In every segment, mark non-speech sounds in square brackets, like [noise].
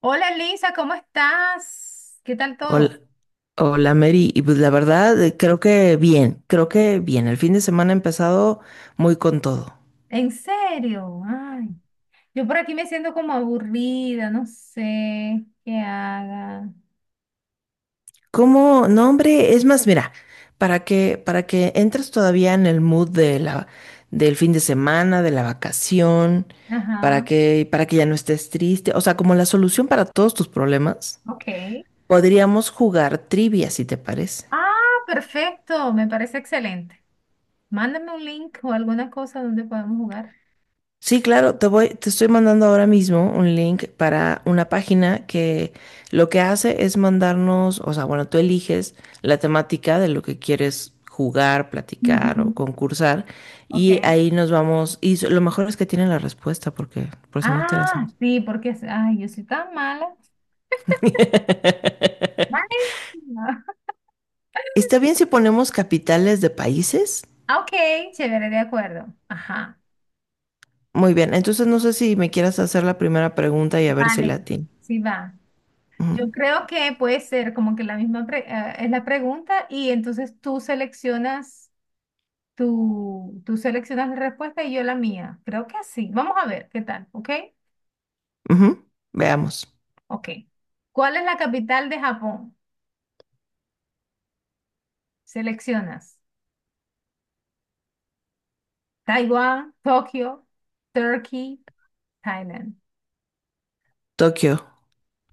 Hola Lisa, ¿cómo estás? ¿Qué tal todo? Hola, hola Mary, y pues la verdad creo que bien, el fin de semana ha empezado muy con todo. ¿En serio? Ay, yo por aquí me siento como aburrida, no sé qué haga. ¿Cómo? No, hombre, es más, mira, para que entres todavía en el mood de la, del fin de semana, de la vacación, para Ajá, que, para que ya no estés triste, o sea, como la solución para todos tus problemas, ok. podríamos jugar trivia, si te parece. Ah, perfecto, me parece excelente. Mándame un link o alguna cosa donde podamos jugar. Sí, claro, te voy, te estoy mandando ahora mismo un link para una página que lo que hace es mandarnos, o sea, bueno, tú eliges la temática de lo que quieres jugar, platicar o Ujú, concursar, ok. y ahí nos vamos, y lo mejor es que tienen la respuesta porque por si no te la Ah, sabes. sí, porque, ay, yo soy tan mala. Vale. [laughs] [laughs] ¿Está bien si ponemos capitales de países? Ah, ok, chévere, de acuerdo. Ajá, Muy bien, entonces no sé si me quieras hacer la primera pregunta y a ver si la vale. atino. Sí va. Ujú, Yo creo que puede ser como que la misma es la pregunta y entonces tú seleccionas tú seleccionas la respuesta y yo la mía. Creo que así. Vamos a ver qué tal, ¿ok? ujú, veamos. Ok. ¿Cuál es la capital de Japón? Seleccionas Taiwán, Tokio, Turkey, Thailand. Tokio.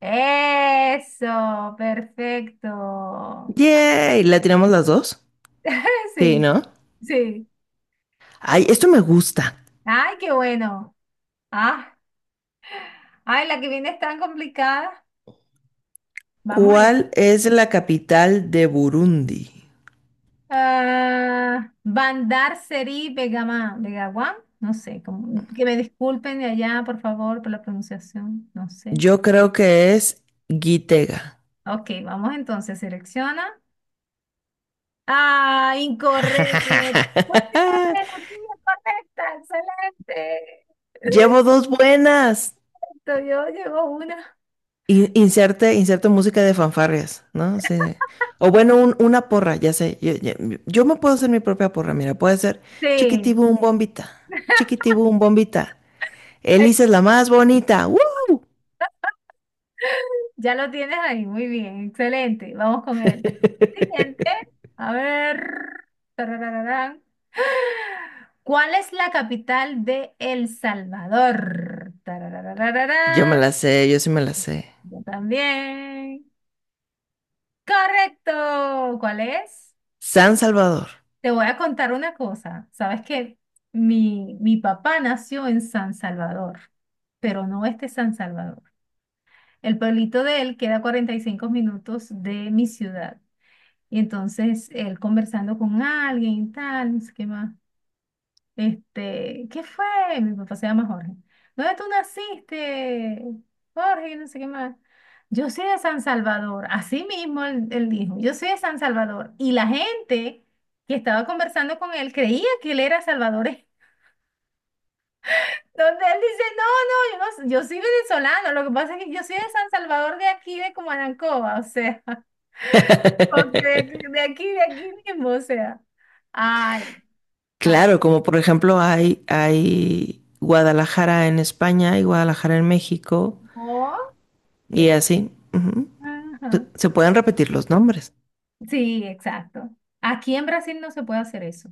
Eso, perfecto. Yay, ¿la tiramos las dos? [laughs] Sí, Sí, ¿no? sí. Ay, esto me gusta. Ay, qué bueno. Ah, ay, la que viene es tan complicada. Vamos allá. ¿Cuál es la capital de Burundi? Ah, Bandar Seri Begaman, Begawan, no sé, que me disculpen de allá, por favor, por la pronunciación, no sé. Yo creo que es Gitega. Ok, vamos entonces, selecciona. Ah, incorrecto. [laughs] Muy bien, [laughs] la tuya correcta, excelente. Llevo [laughs] dos buenas. Todavía llegó una. Inserte, inserte música de fanfarrias, ¿no? Sí. O bueno, una porra, ya sé. Yo me puedo hacer mi propia porra, mira, puede ser Sí. chiquitibum bombita, [laughs] chiquitibum bombita. Elisa es la más bonita. ¡Woo! Ya lo tienes ahí, muy bien, excelente. Vamos con el [laughs] siguiente. A ver. Tararararán. ¿Cuál es la capital de El Salvador? Yo me Tarararararán. la sé, yo sí me la sé. Yo también. Correcto. ¿Cuál es? San Salvador. Te voy a contar una cosa. Sabes que mi papá nació en San Salvador, pero no este San Salvador. El pueblito de él queda a 45 minutos de mi ciudad. Y entonces él conversando con alguien y tal, no sé qué más. ¿Qué fue? Mi papá se llama Jorge. ¿Dónde tú naciste? Jorge, no sé qué más. Yo soy de San Salvador. Así mismo él dijo, yo soy de San Salvador. Y la gente que estaba conversando con él creía que él era salvadoreño. [laughs] Donde él dice, no, no, yo, no, yo soy venezolano. Lo que pasa es que yo soy de San Salvador de aquí, de Comanancoa, o sea, [laughs] porque de, [laughs] aquí, de aquí, de aquí mismo, o sea. Ay, ah, Claro, como por ejemplo hay Guadalajara en España y Guadalajara en México oh, qué- y así. Ujú. ¿tal? Ajá. Se pueden repetir los nombres. Sí, exacto. Aquí en Brasil no se puede hacer eso.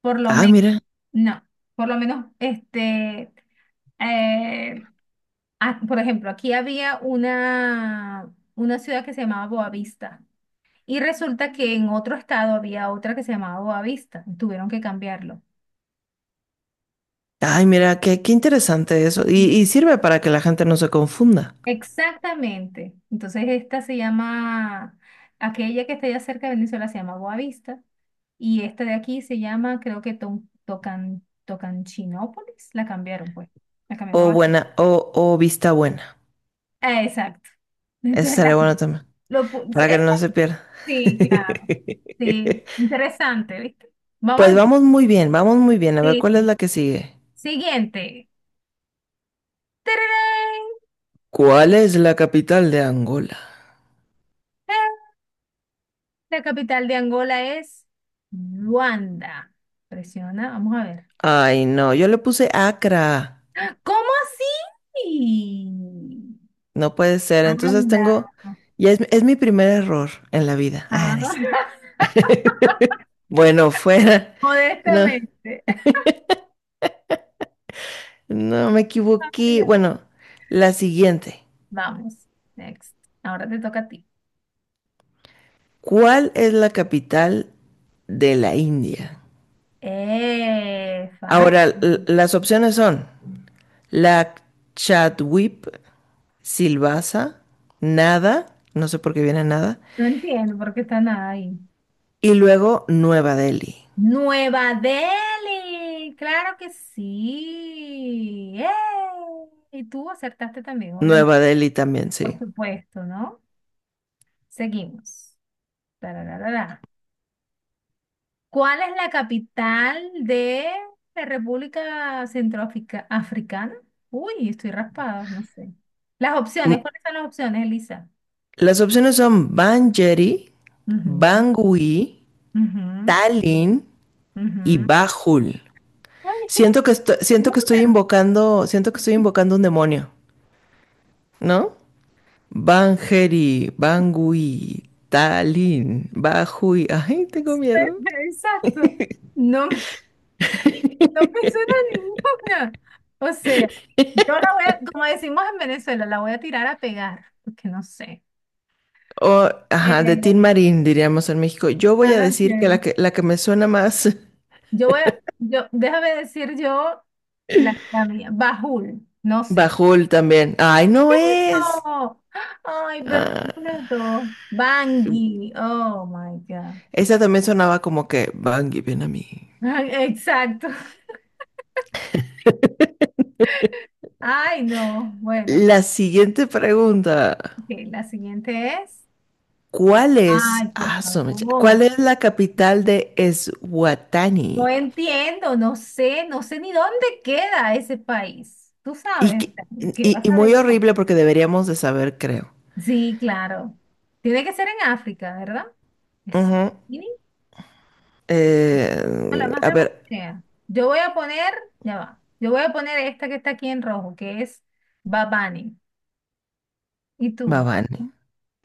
Por lo Ah, menos, mira. no. Por lo menos, eh, por ejemplo, aquí había una ciudad que se llamaba Boavista. Y resulta que en otro estado había otra que se llamaba Boavista. Tuvieron que cambiarlo. Ay, mira, qué interesante eso. Y sirve para que la gente no se confunda. Exactamente. Entonces esta se llama, aquella que está allá cerca de Venezuela se llama Boavista y esta de aquí se llama, creo que Tocanchinópolis, la cambiaron pues, la O cambiaron a... buena, o vista buena. Ah, exacto. [laughs] Eso Entonces, estaría bueno también. Para que esta no se pierda. sí, claro. Sí, [laughs] interesante, ¿viste? Vamos Pues a... vamos muy bien, vamos muy bien. A ver Sí, cuál es sí. la que sigue. Siguiente. ¡Tararán! ¿Cuál es la capital de Angola? ¡Ah! La capital de Angola es Luanda. Presiona, vamos a ver. Ay, no, yo le puse Acra. ¿Cómo así? No puede ser. Entonces Anda. tengo. Ya es mi primer error en la vida. Ah, Ah, no es- [laughs] [laughs] Bueno, fuera. No, modestamente. no me Ay, equivoqué. ya. Bueno, la siguiente. Vamos, next. Ahora te toca a ti. ¿Cuál es la capital de la India? Ahora, Fácil. las opciones son la Chadwip, Silvassa, Nada, no sé por qué viene Nada, No entiendo por qué están ahí. y luego Nueva Delhi. Nueva Delhi, claro que sí. ¡Eh! Y tú acertaste también, obviamente, Nueva Delhi también, por sí. supuesto, ¿no? Seguimos. Tarararara. ¿Cuál es la capital de la República Centroafricana? Uy, estoy raspada, no sé. Las Mm, opciones, ¿cuáles son las opciones, Elisa? Las opciones son Banjeri, Ujú, Bangui, ujú, Tallinn y ujú. Bajul. Ay, es que no me Siento que estoy ninguna. invocando, siento que estoy invocando un demonio, ¿no? Banjeri, Bangui, Tallinn, Bajul. Ay, tengo [laughs] miedo. Exacto. No me, no me suena ninguna. O sea, yo la voy a, como decimos en Venezuela, la voy a tirar a pegar, porque no sé. O, Eh, ajá, de Tin Marín, diríamos en México. Yo voy a decir que la ok. que, la que me suena más. [laughs] Yo voy a, yo, déjame decir yo la mía. Bajul, no sé. Bajul también. Ay, no es. ¡Eso! ¡Ay, perdí Ah. completo! Bangui, oh my God. Esa también sonaba como que Bungie, ven a mí. Ay, exacto. [laughs] Ay, no. Bueno, La siguiente pregunta. ok, la siguiente es. ¿Cuál es, Ay, por ah, cuál favor. es la capital de No Eswatini? entiendo, no sé, no sé ni dónde queda ese país. Tú Y, sabes, que- ¿qué vas y a muy ver yo? horrible porque deberíamos de saber, creo. Sí, claro. Tiene que ser en África, ¿verdad? Es- Ujú. a la más A remota ver, que sea. Yo voy a poner esta que está aquí en rojo, que es Bad Bunny. ¿Y tú? Babane.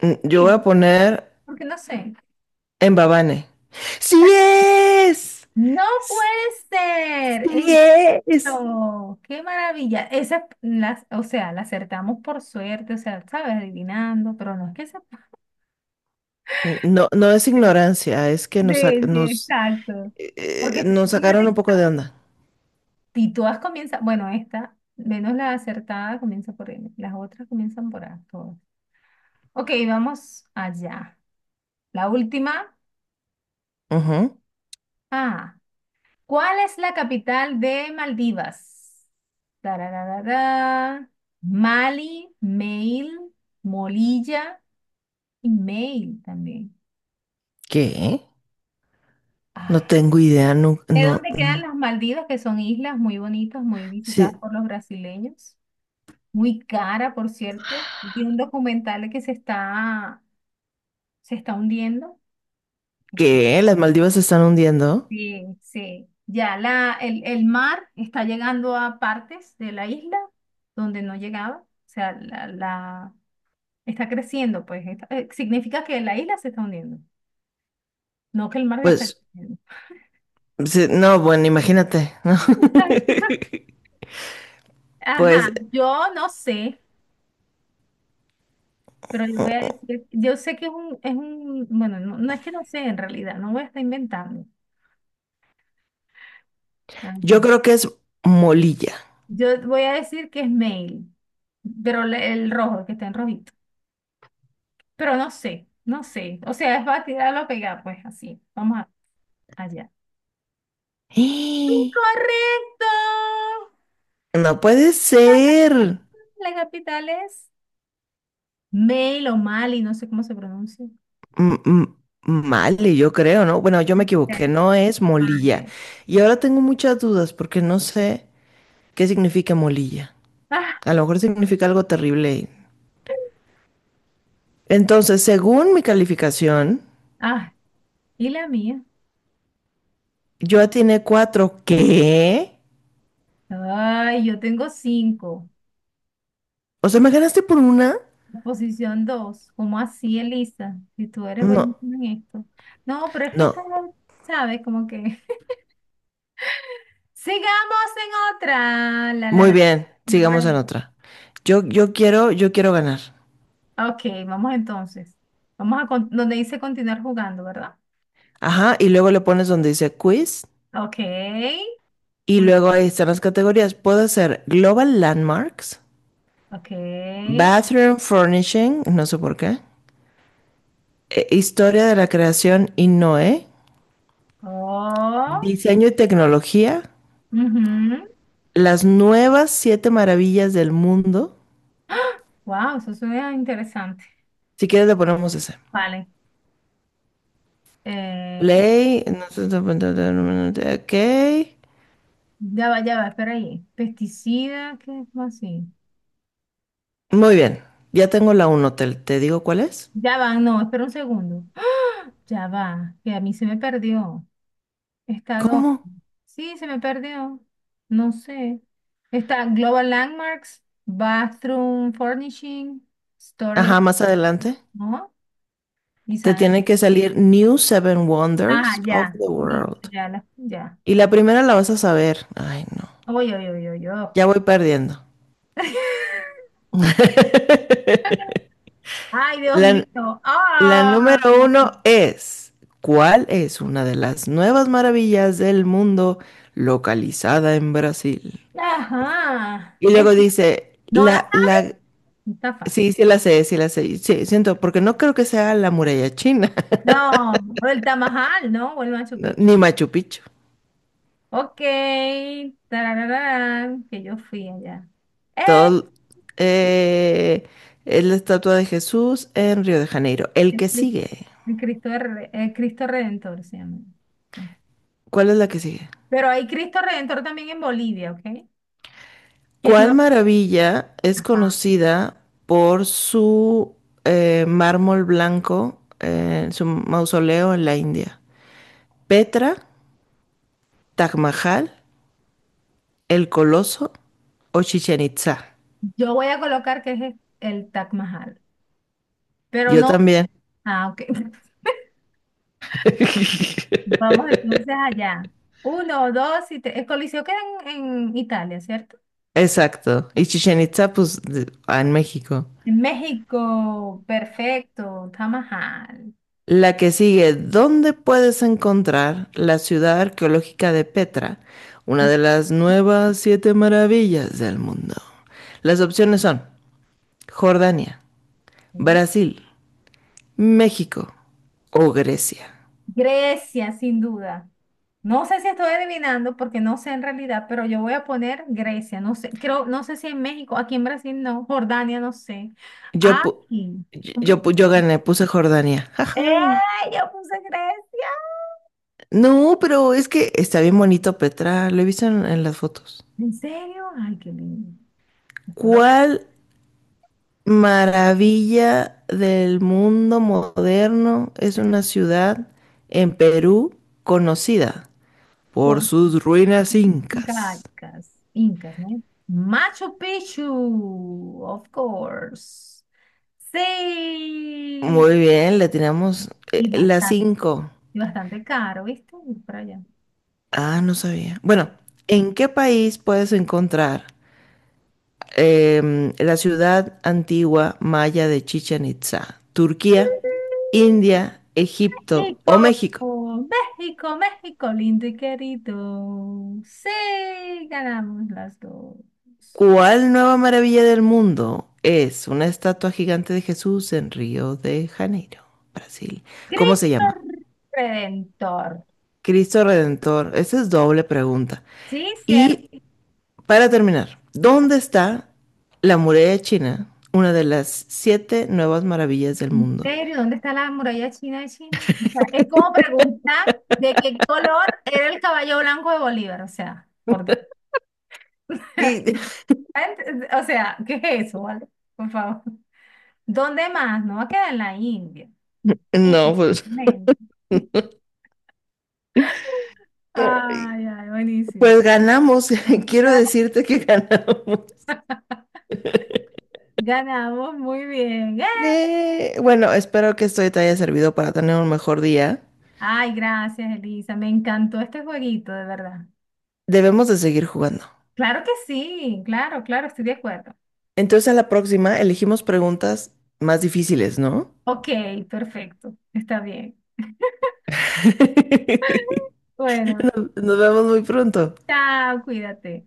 Yo voy a Sí, poner porque no sé. en Babane. ¡Sí es! No ¡Sí puede ser es! esto. Qué maravilla. O sea, la acertamos por suerte, o sea, sabes, adivinando, pero no es que se No, no es puede. ignorancia, es que nos, Sí, sí, exacto. Porque nos sacaron fíjate, un poco de onda. si todas comienzan, bueno, esta, menos la acertada comienza por N, las otras comienzan por A, todas. Ok, vamos allá. La última. Ujú. Ah, ¿cuál es la capital de Maldivas? Tarararara. Mali, Mail, Molilla y Mail también. ¿Qué? No Ah, tengo idea, no, ¿de no, dónde quedan no. las Maldivas, que son islas muy bonitas, muy visitadas Sí, por los brasileños? Muy cara, por cierto. Vi un documental que se está hundiendo. No sé. ¿qué? ¿Las Maldivas se están hundiendo? Sí, sí. Ya el mar está llegando a partes de la isla donde no llegaba. O sea, está creciendo, pues. Significa que la isla se está hundiendo, no que el mar está Pues, creciendo. sí, no, bueno, imagínate, ¿no? [laughs] [laughs] Ajá, Pues yo no sé, pero yo voy a decir, yo sé que es un, bueno, no, no es que no sé en realidad, no voy a estar inventando. Ah, yo creo que es Molilla. yo voy a decir que es mail, pero el rojo, el que está en rojito. Pero no sé, no sé. O sea, es para tirarlo a pegar, pues así. Vamos allá. [gasps] ¡Eh! ¡Incorrecto! No puede ser. La capital es Mail o Mali, no sé cómo se pronuncia. M- m- Male, yo creo, ¿no? Bueno, yo me equivoqué, no es Molilla. Vale. Y ahora tengo muchas dudas porque no sé qué significa Molilla. Ah, A lo mejor significa algo terrible. Entonces, según mi calificación, ah, y la mía. yo atiné 4. ¿Qué? Ay, yo tengo cinco. O sea, ¿me ganaste por una? La posición dos. ¿Cómo así, Elisa? Si tú eres No, buenísima en esto. No, pero es que no. esta, ¿sabes? Como que. [laughs] Sigamos en otra. La, la, Muy la. bien, sigamos en Bueno. otra. Yo quiero ganar. Ok, vamos entonces. Vamos a donde dice continuar jugando, ¿verdad? Ajá, y luego le pones donde dice quiz, Ok. y Uy, luego ahí están las categorías. Puedo hacer Global Landmarks, ok. Bathroom Furnishing, no sé por qué, Historia de la Creación y Noé, Oh. Diseño y Tecnología, las nuevas 7 maravillas del mundo. Wow, eso suena interesante. Si quieres le ponemos ese. Vale. Eh, Play, no sé, no, no, no, no, no, no, ok. ya va, espera ahí. Pesticida, ¿qué es así? Muy bien, ya tengo la 1. ¿Te, te digo cuál es? Ya va, no, espera un segundo. ¡Ah! Ya va, que a mí se me perdió. Estado. ¿Cómo? Sí, se me perdió. No sé. Está Global Landmarks, Bathroom Furnishing, Story of... Ajá, más adelante. ¿No? Y Te tiene que salir New Seven ah, Wonders of ya. the Listo, World. ya, ya. Y la Pero... primera la vas a saber. Ay, no, Oy, oy, oy, oy, oy. ya voy perdiendo. [laughs] Ay, Dios La, mío. la Ah. número 1 es, ¿cuál es una de las nuevas maravillas del mundo localizada en Brasil? Ajá. Y luego dice, No la la, la, está fácil. sí, sí la sé, sí la sé. Sí, siento, porque no creo que sea la muralla china. [laughs] No, o el Tamajal, ¿no? O el Machu No, Picchu. ni Machu Picchu. Ok. Tarararán, que yo fui allá. ¡Eh! Todo eh, es la estatua de Jesús en Río de Janeiro. El El que Cri- sigue, el Cristo, el Cristo Redentor se llama. ¿cuál es la que sigue? Pero hay Cristo Redentor también en Bolivia, ¿ok? Que es ¿Cuál no. maravilla es Ajá. conocida por su mármol blanco en su mausoleo en la India? ¿Petra, Taj Mahal, El Coloso o Chichen Itzá? Yo voy a colocar que es el Taj Mahal. Pero Yo no. también. Ah, ok. [laughs] [laughs] Vamos entonces allá. Uno, dos y tres. El Coliseo queda en, en, Italia, ¿cierto? Exacto. Y Chichen Itza, pues, de- ah, en México. En México, perfecto. Taj Mahal. La que sigue, ¿dónde puedes encontrar la ciudad arqueológica de Petra, una de las nuevas 7 maravillas del mundo? Las opciones son Jordania, Ok. Brasil, México o Grecia. Grecia, sin duda. No sé si estoy adivinando porque no sé en realidad, pero yo voy a poner Grecia, no sé, creo, no sé si en México, aquí en Brasil no, Jordania, no sé. Ay, Yo, pu- complicado. yo gané, puse Jordania. ¡Eh! Ajay. Yo puse Grecia. No, pero es que está bien bonito Petra, lo he visto en las fotos. ¿En serio? Ay, qué lindo. Después lo veré ¿Cuál maravilla del mundo moderno es una ciudad en Perú conocida por por sus ruinas incas? Incas, Incas, ¿no? Machu Picchu, of course. Sí. Muy bien, le tiramos Y las bastante, 5. y bastante caro, ¿viste? Ir para allá. Ah, no sabía. Bueno, ¿en qué país puedes encontrar la ciudad antigua maya de Chichén Itzá? ¿Turquía, India, Egipto o México, México? México, México, lindo y querido. Sí, ganamos las dos. ¿Cuál nueva maravilla del mundo es una estatua gigante de Jesús en Río de Janeiro, Brasil? ¿Cómo se Cristo llama? Redentor. Cristo Redentor. Esa es doble pregunta. Sí, cierto. Y para terminar, ¿dónde está la muralla china? Una de las 7 nuevas maravillas del ¿En mundo. serio? ¿Dónde está la muralla china de China? O sea, es como preguntar de qué color era el caballo blanco de Bolívar. O sea, por Dios. [laughs] Y- [laughs] O sea, ¿qué es eso, vale? Por favor. ¿Dónde más? No va a quedar en la India. Sí. No, pues, Men. ay, Ay, ay, buenísimo. pues ganamos. [laughs] Quiero decirte que ganamos. Ganamos, muy bien. ¡Eh! Bueno, espero que esto te haya servido para tener un mejor día. Ay, gracias, Elisa. Me encantó este jueguito, de verdad. Debemos de seguir jugando. Claro que sí, claro, claro, estoy de acuerdo. Entonces a la próxima elegimos preguntas más difíciles, ¿no? Ok, perfecto. Está bien. [laughs] Bueno, Nos vemos muy pronto. chao, cuídate.